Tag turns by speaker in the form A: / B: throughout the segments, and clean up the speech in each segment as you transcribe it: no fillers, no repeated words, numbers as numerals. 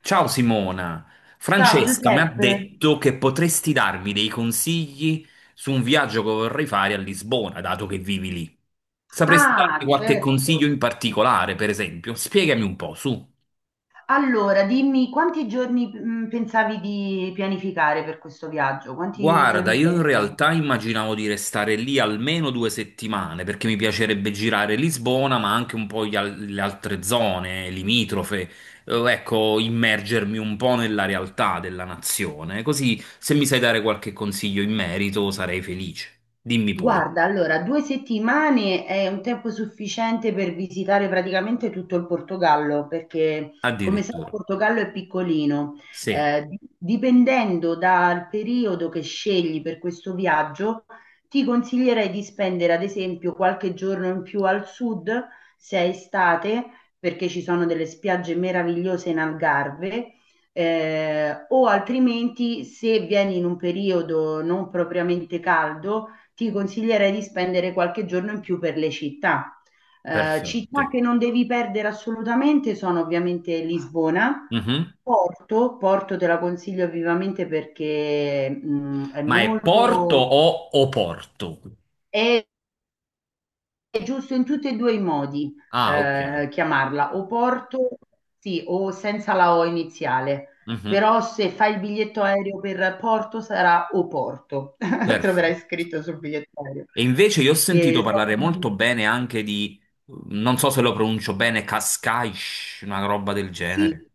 A: Ciao Simona,
B: Ciao
A: Francesca mi ha
B: Giuseppe.
A: detto che potresti darmi dei consigli su un viaggio che vorrei fare a Lisbona, dato che vivi lì. Sapresti darmi
B: Ah,
A: qualche consiglio in
B: certo.
A: particolare, per esempio? Spiegami un po', su.
B: Allora, dimmi quanti giorni pensavi di pianificare per questo viaggio? Quanti
A: Guarda,
B: giorni
A: io in
B: pianificare?
A: realtà immaginavo di restare lì almeno due settimane perché mi piacerebbe girare Lisbona, ma anche un po' le altre zone limitrofe. Ecco, immergermi un po' nella realtà della nazione. Così, se mi sai dare qualche consiglio in merito, sarei felice. Dimmi pure.
B: Guarda, allora, 2 settimane è un tempo sufficiente per visitare praticamente tutto il Portogallo, perché come sai il
A: Addirittura.
B: Portogallo è piccolino.
A: Sì,
B: Dipendendo dal periodo che scegli per questo viaggio, ti consiglierei di spendere ad esempio qualche giorno in più al sud, se è estate, perché ci sono delle spiagge meravigliose in Algarve. O altrimenti se vieni in un periodo non propriamente caldo, ti consiglierei di spendere qualche giorno in più per le città. Città
A: perfetto.
B: che non devi perdere assolutamente sono ovviamente Lisbona,
A: Mhm.
B: Porto. Porto te la consiglio vivamente perché
A: Ma è Porto o Oporto?
B: è, è giusto in tutti e due i modi
A: Ah, ok.
B: chiamarla, o Porto, sì, o senza la O iniziale.
A: Mhm.
B: Però se fai il biglietto aereo per Porto sarà o Porto, troverai
A: Perfetto.
B: scritto sul biglietto aereo.
A: E invece io ho sentito
B: E
A: parlare
B: sono-
A: molto bene anche di, non so se lo pronuncio bene, Cascais, una roba del genere.
B: Sì,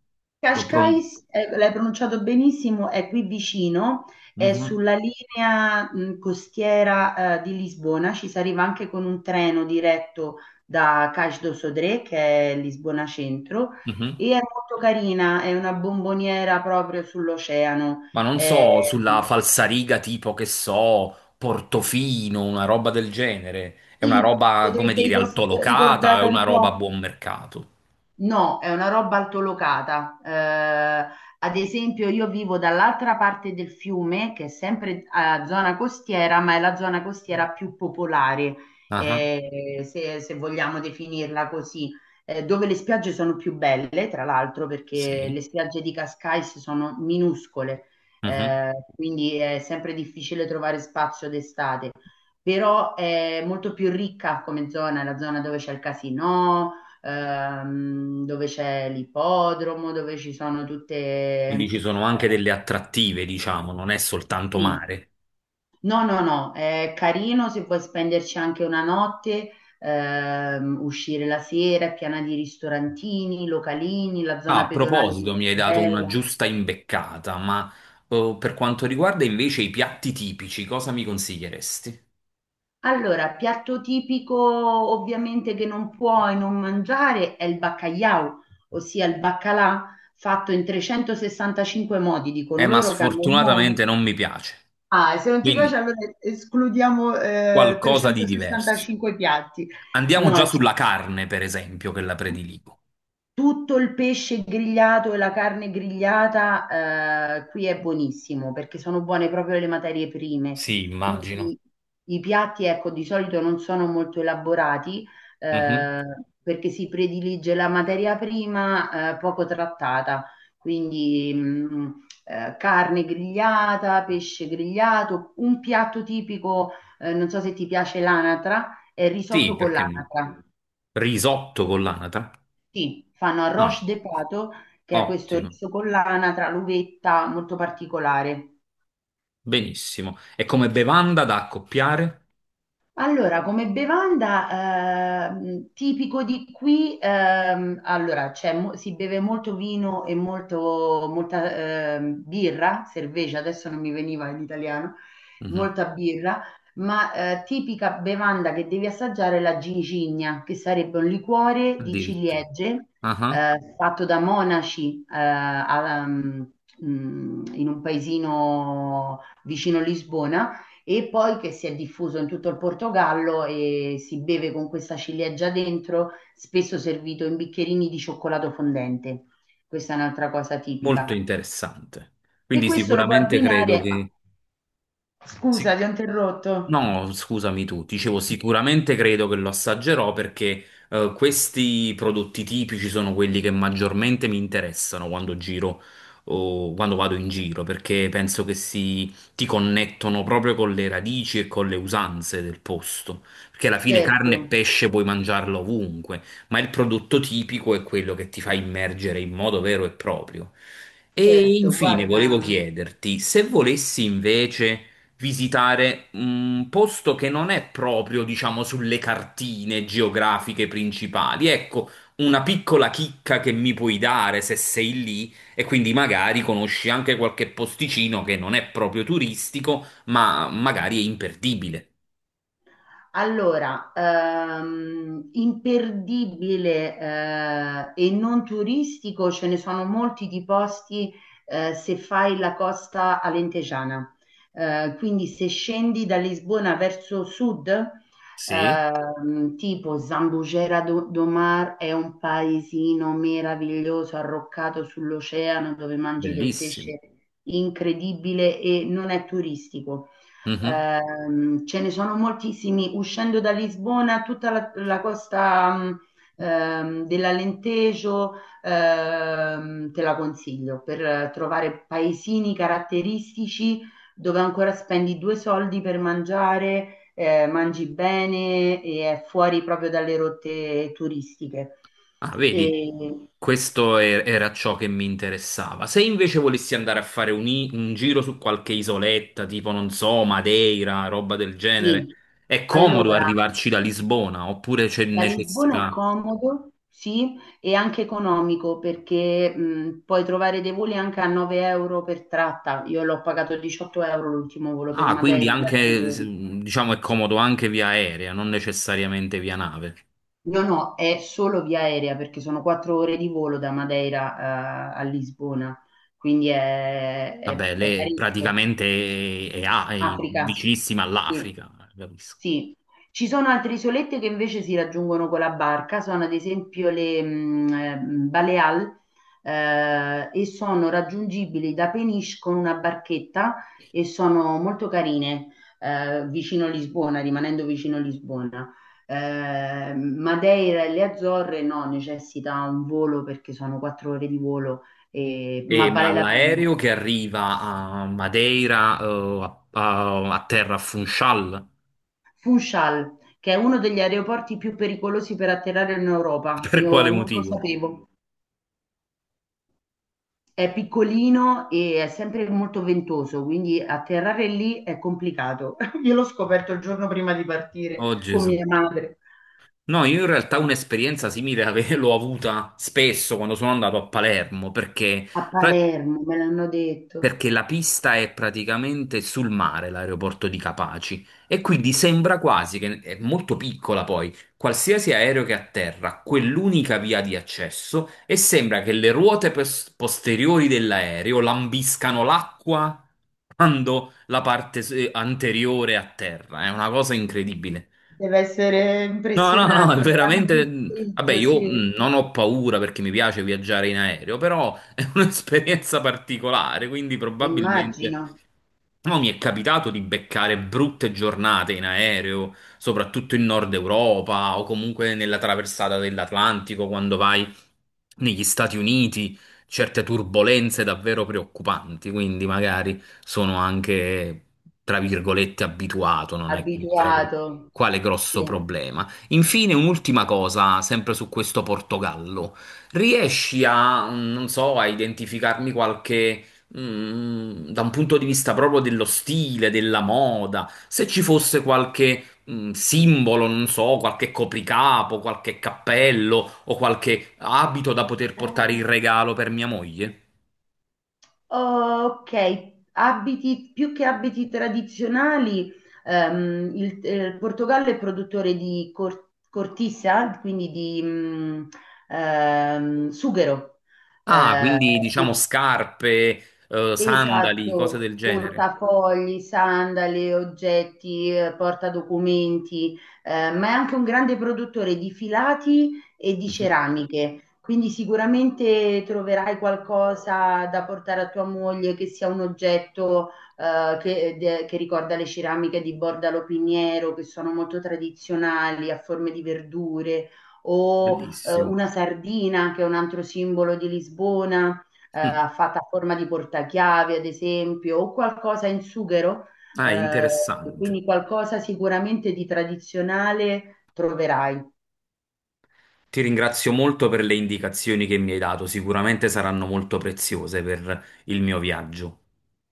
A: Lo pron-
B: Cascais, l'hai pronunciato benissimo, è qui vicino, è
A: Mhm,
B: sulla linea costiera di Lisbona, ci si arriva anche con un treno diretto da Cais do Sodré, che è Lisbona Centro,
A: mhm.
B: e è molto carina, è una bomboniera proprio sull'oceano.
A: Ma non so,
B: Eh,
A: sulla falsariga tipo che so, Portofino, una roba del genere. È una roba, come
B: Potrebbe
A: dire, altolocata, è
B: ricordare
A: una
B: un
A: roba a
B: po'.
A: buon mercato.
B: No, è una roba altolocata. Ad esempio, io vivo dall'altra parte del fiume, che è sempre a zona costiera, ma è la zona costiera più popolare,
A: Ah,
B: se vogliamo definirla così, dove le spiagge sono più belle, tra l'altro, perché
A: sì.
B: le spiagge di Cascais sono minuscole,
A: Mhm.
B: quindi è sempre difficile trovare spazio d'estate. Però è molto più ricca come zona, è la zona dove c'è il casino dove c'è l'ippodromo, dove ci sono tutte.
A: Quindi ci sono anche delle attrattive, diciamo, non è soltanto
B: Sì,
A: mare.
B: no, no, no, è carino se puoi spenderci anche una notte, uscire la sera, è piena di ristorantini, localini, la zona
A: Ah, a
B: pedonale è
A: proposito,
B: molto
A: mi hai dato una
B: bella.
A: giusta imbeccata, ma per quanto riguarda invece i piatti tipici, cosa mi consiglieresti?
B: Allora, piatto tipico ovviamente che non puoi non mangiare è il baccagliau, ossia il baccalà fatto in 365 modi, dicono
A: Ma
B: loro che hanno un modo.
A: sfortunatamente non mi piace,
B: Ah, se non ti
A: quindi
B: piace allora escludiamo
A: qualcosa di diverso.
B: 365 piatti.
A: Andiamo
B: No,
A: già sulla carne, per esempio, che la prediligo.
B: tutto il pesce grigliato e la carne grigliata, qui è buonissimo perché sono buone proprio le materie prime.
A: Sì, immagino.
B: Quindi i piatti, ecco, di solito non sono molto elaborati,
A: Mhm.
B: eh, perché si predilige la materia prima, poco trattata. Quindi, carne grigliata, pesce grigliato, un piatto tipico, non so se ti piace l'anatra, è il
A: Sì,
B: risotto con
A: perché no?
B: l'anatra.
A: Risotto con l'anatra?
B: Sì, fanno
A: Ah,
B: arroz de pato, che è questo
A: ottimo,
B: riso con l'anatra, l'uvetta, molto particolare.
A: benissimo. E come bevanda da accoppiare?
B: Allora, come bevanda tipico di qui, allora, si beve molto vino e molta birra, cerveza, adesso non mi veniva in italiano,
A: Mhm.
B: molta birra, ma tipica bevanda che devi assaggiare è la gingigna, che sarebbe un liquore di
A: Addirittura.
B: ciliegie
A: Ah,
B: fatto da monaci in un paesino vicino Lisbona e poi che si è diffuso in tutto il Portogallo e si beve con questa ciliegia dentro, spesso servito in bicchierini di cioccolato fondente. Questa è un'altra cosa
A: molto
B: tipica.
A: interessante.
B: E
A: Quindi
B: questo lo puoi
A: sicuramente credo
B: abbinare. Ah,
A: che... sì.
B: scusa, ti ho interrotto.
A: No, scusami tu, dicevo sicuramente credo che lo assaggerò perché questi prodotti tipici sono quelli che maggiormente mi interessano quando giro o quando vado in giro, perché penso che si ti connettono proprio con le radici e con le usanze del posto, perché alla fine carne e
B: Certo,
A: pesce puoi mangiarlo ovunque, ma il prodotto tipico è quello che ti fa immergere in modo vero e proprio. E
B: certo,
A: infine volevo
B: guarda.
A: chiederti se volessi invece visitare un posto che non è proprio, diciamo, sulle cartine geografiche principali. Ecco, una piccola chicca che mi puoi dare se sei lì e quindi magari conosci anche qualche posticino che non è proprio turistico, ma magari è imperdibile.
B: Allora, imperdibile, e non turistico, ce ne sono molti di posti, se fai la costa alentejana. Quindi se scendi da Lisbona verso sud,
A: Sì,
B: tipo Zambugera do Mar è un paesino meraviglioso arroccato sull'oceano dove mangi del
A: bellissimo.
B: pesce incredibile e non è turistico. Ce ne sono moltissimi. Uscendo da Lisbona, tutta la costa dell'Alentejo, te la consiglio per trovare paesini caratteristici dove ancora spendi due soldi per mangiare, mangi bene e è fuori proprio dalle rotte turistiche.
A: Ah, vedi,
B: E,
A: era ciò che mi interessava. Se invece volessi andare a fare un giro su qualche isoletta, tipo, non so, Madeira, roba del genere,
B: sì,
A: è comodo
B: allora.
A: arrivarci da Lisbona oppure c'è
B: Da Lisbona è
A: necessità?
B: comodo, sì, e anche economico perché puoi trovare dei voli anche a 9 € per tratta. Io l'ho pagato 18 € l'ultimo volo per
A: Ah, quindi
B: Madeira, andata e
A: anche,
B: ritorno.
A: diciamo, è comodo anche via aerea, non necessariamente via nave.
B: No, no, è solo via aerea perché sono 4 ore di volo da Madeira a Lisbona, quindi è, è-
A: Vabbè,
B: è
A: lei
B: parecchio.
A: praticamente è, è
B: Africa,
A: vicinissima
B: sì.
A: all'Africa, capisco.
B: Sì. Ci sono altre isolette che invece si raggiungono con la barca, sono ad esempio le Baleal e sono raggiungibili da Peniche con una barchetta e sono molto carine vicino Lisbona, rimanendo vicino Lisbona. Madeira e le Azzorre no, necessita un volo perché sono 4 ore di volo, ma
A: E, ma
B: vale la pena.
A: l'aereo che arriva a Madeira, a terra a Funchal,
B: Funchal, che è uno degli aeroporti più pericolosi per atterrare in Europa.
A: per
B: Io
A: quale
B: non lo
A: motivo?
B: sapevo. È piccolino e è sempre molto ventoso, quindi atterrare lì è complicato. Io l'ho scoperto il giorno prima di partire
A: Oh
B: con
A: Gesù.
B: mia madre
A: No, io in realtà un'esperienza simile l'ho avuta spesso quando sono andato a Palermo, perché
B: a
A: pra-
B: Palermo, me l'hanno detto.
A: perché la pista è praticamente sul mare, l'aeroporto di Capaci, e quindi sembra quasi che è molto piccola poi, qualsiasi aereo che atterra, ha quell'unica via di accesso e sembra che le ruote posteriori dell'aereo lambiscano l'acqua quando la parte anteriore atterra. È una cosa incredibile.
B: Deve essere
A: No, no, no, è
B: impressionante, me l'hanno
A: veramente. Vabbè,
B: descritto,
A: io
B: sì.
A: non ho paura perché mi piace viaggiare in aereo, però è un'esperienza particolare, quindi probabilmente
B: Immagino,
A: no, mi è capitato di beccare brutte giornate in aereo, soprattutto in Nord Europa o comunque nella traversata dell'Atlantico quando vai negli Stati Uniti, certe turbolenze davvero preoccupanti, quindi magari sono anche, tra virgolette, abituato, non è che mi crei
B: abituato.
A: quale grosso
B: Sì.
A: problema. Infine, un'ultima cosa, sempre su questo Portogallo. Riesci a, non so, a identificarmi qualche da un punto di vista proprio dello stile, della moda, se ci fosse qualche simbolo, non so, qualche copricapo, qualche cappello o qualche abito da poter
B: Eh.
A: portare in regalo per mia moglie.
B: Ok, abiti, più che abiti tradizionali, il Portogallo è produttore di cortisa, quindi di sughero.
A: Ah,
B: Eh,
A: quindi diciamo
B: sì.
A: scarpe, sandali, cose del
B: Esatto,
A: genere.
B: portafogli, sandali, oggetti, portadocumenti, ma è anche un grande produttore di filati e di
A: Mhm.
B: ceramiche, quindi sicuramente troverai qualcosa da portare a tua moglie che sia un oggetto che ricorda le ceramiche di Bordalo Piniero, che sono molto tradizionali, a forme di verdure, o
A: Bellissimo.
B: una sardina, che è un altro simbolo di Lisbona
A: Mm.
B: fatta a forma di portachiavi, ad esempio, o qualcosa in sughero,
A: Ah, è
B: eh,
A: interessante.
B: quindi qualcosa sicuramente di tradizionale troverai.
A: Ti ringrazio molto per le indicazioni che mi hai dato, sicuramente saranno molto preziose per il mio viaggio.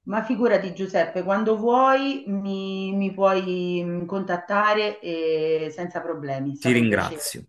B: Ma figurati Giuseppe, quando vuoi mi puoi contattare e senza problemi, è
A: Ti
B: stato un piacere.
A: ringrazio.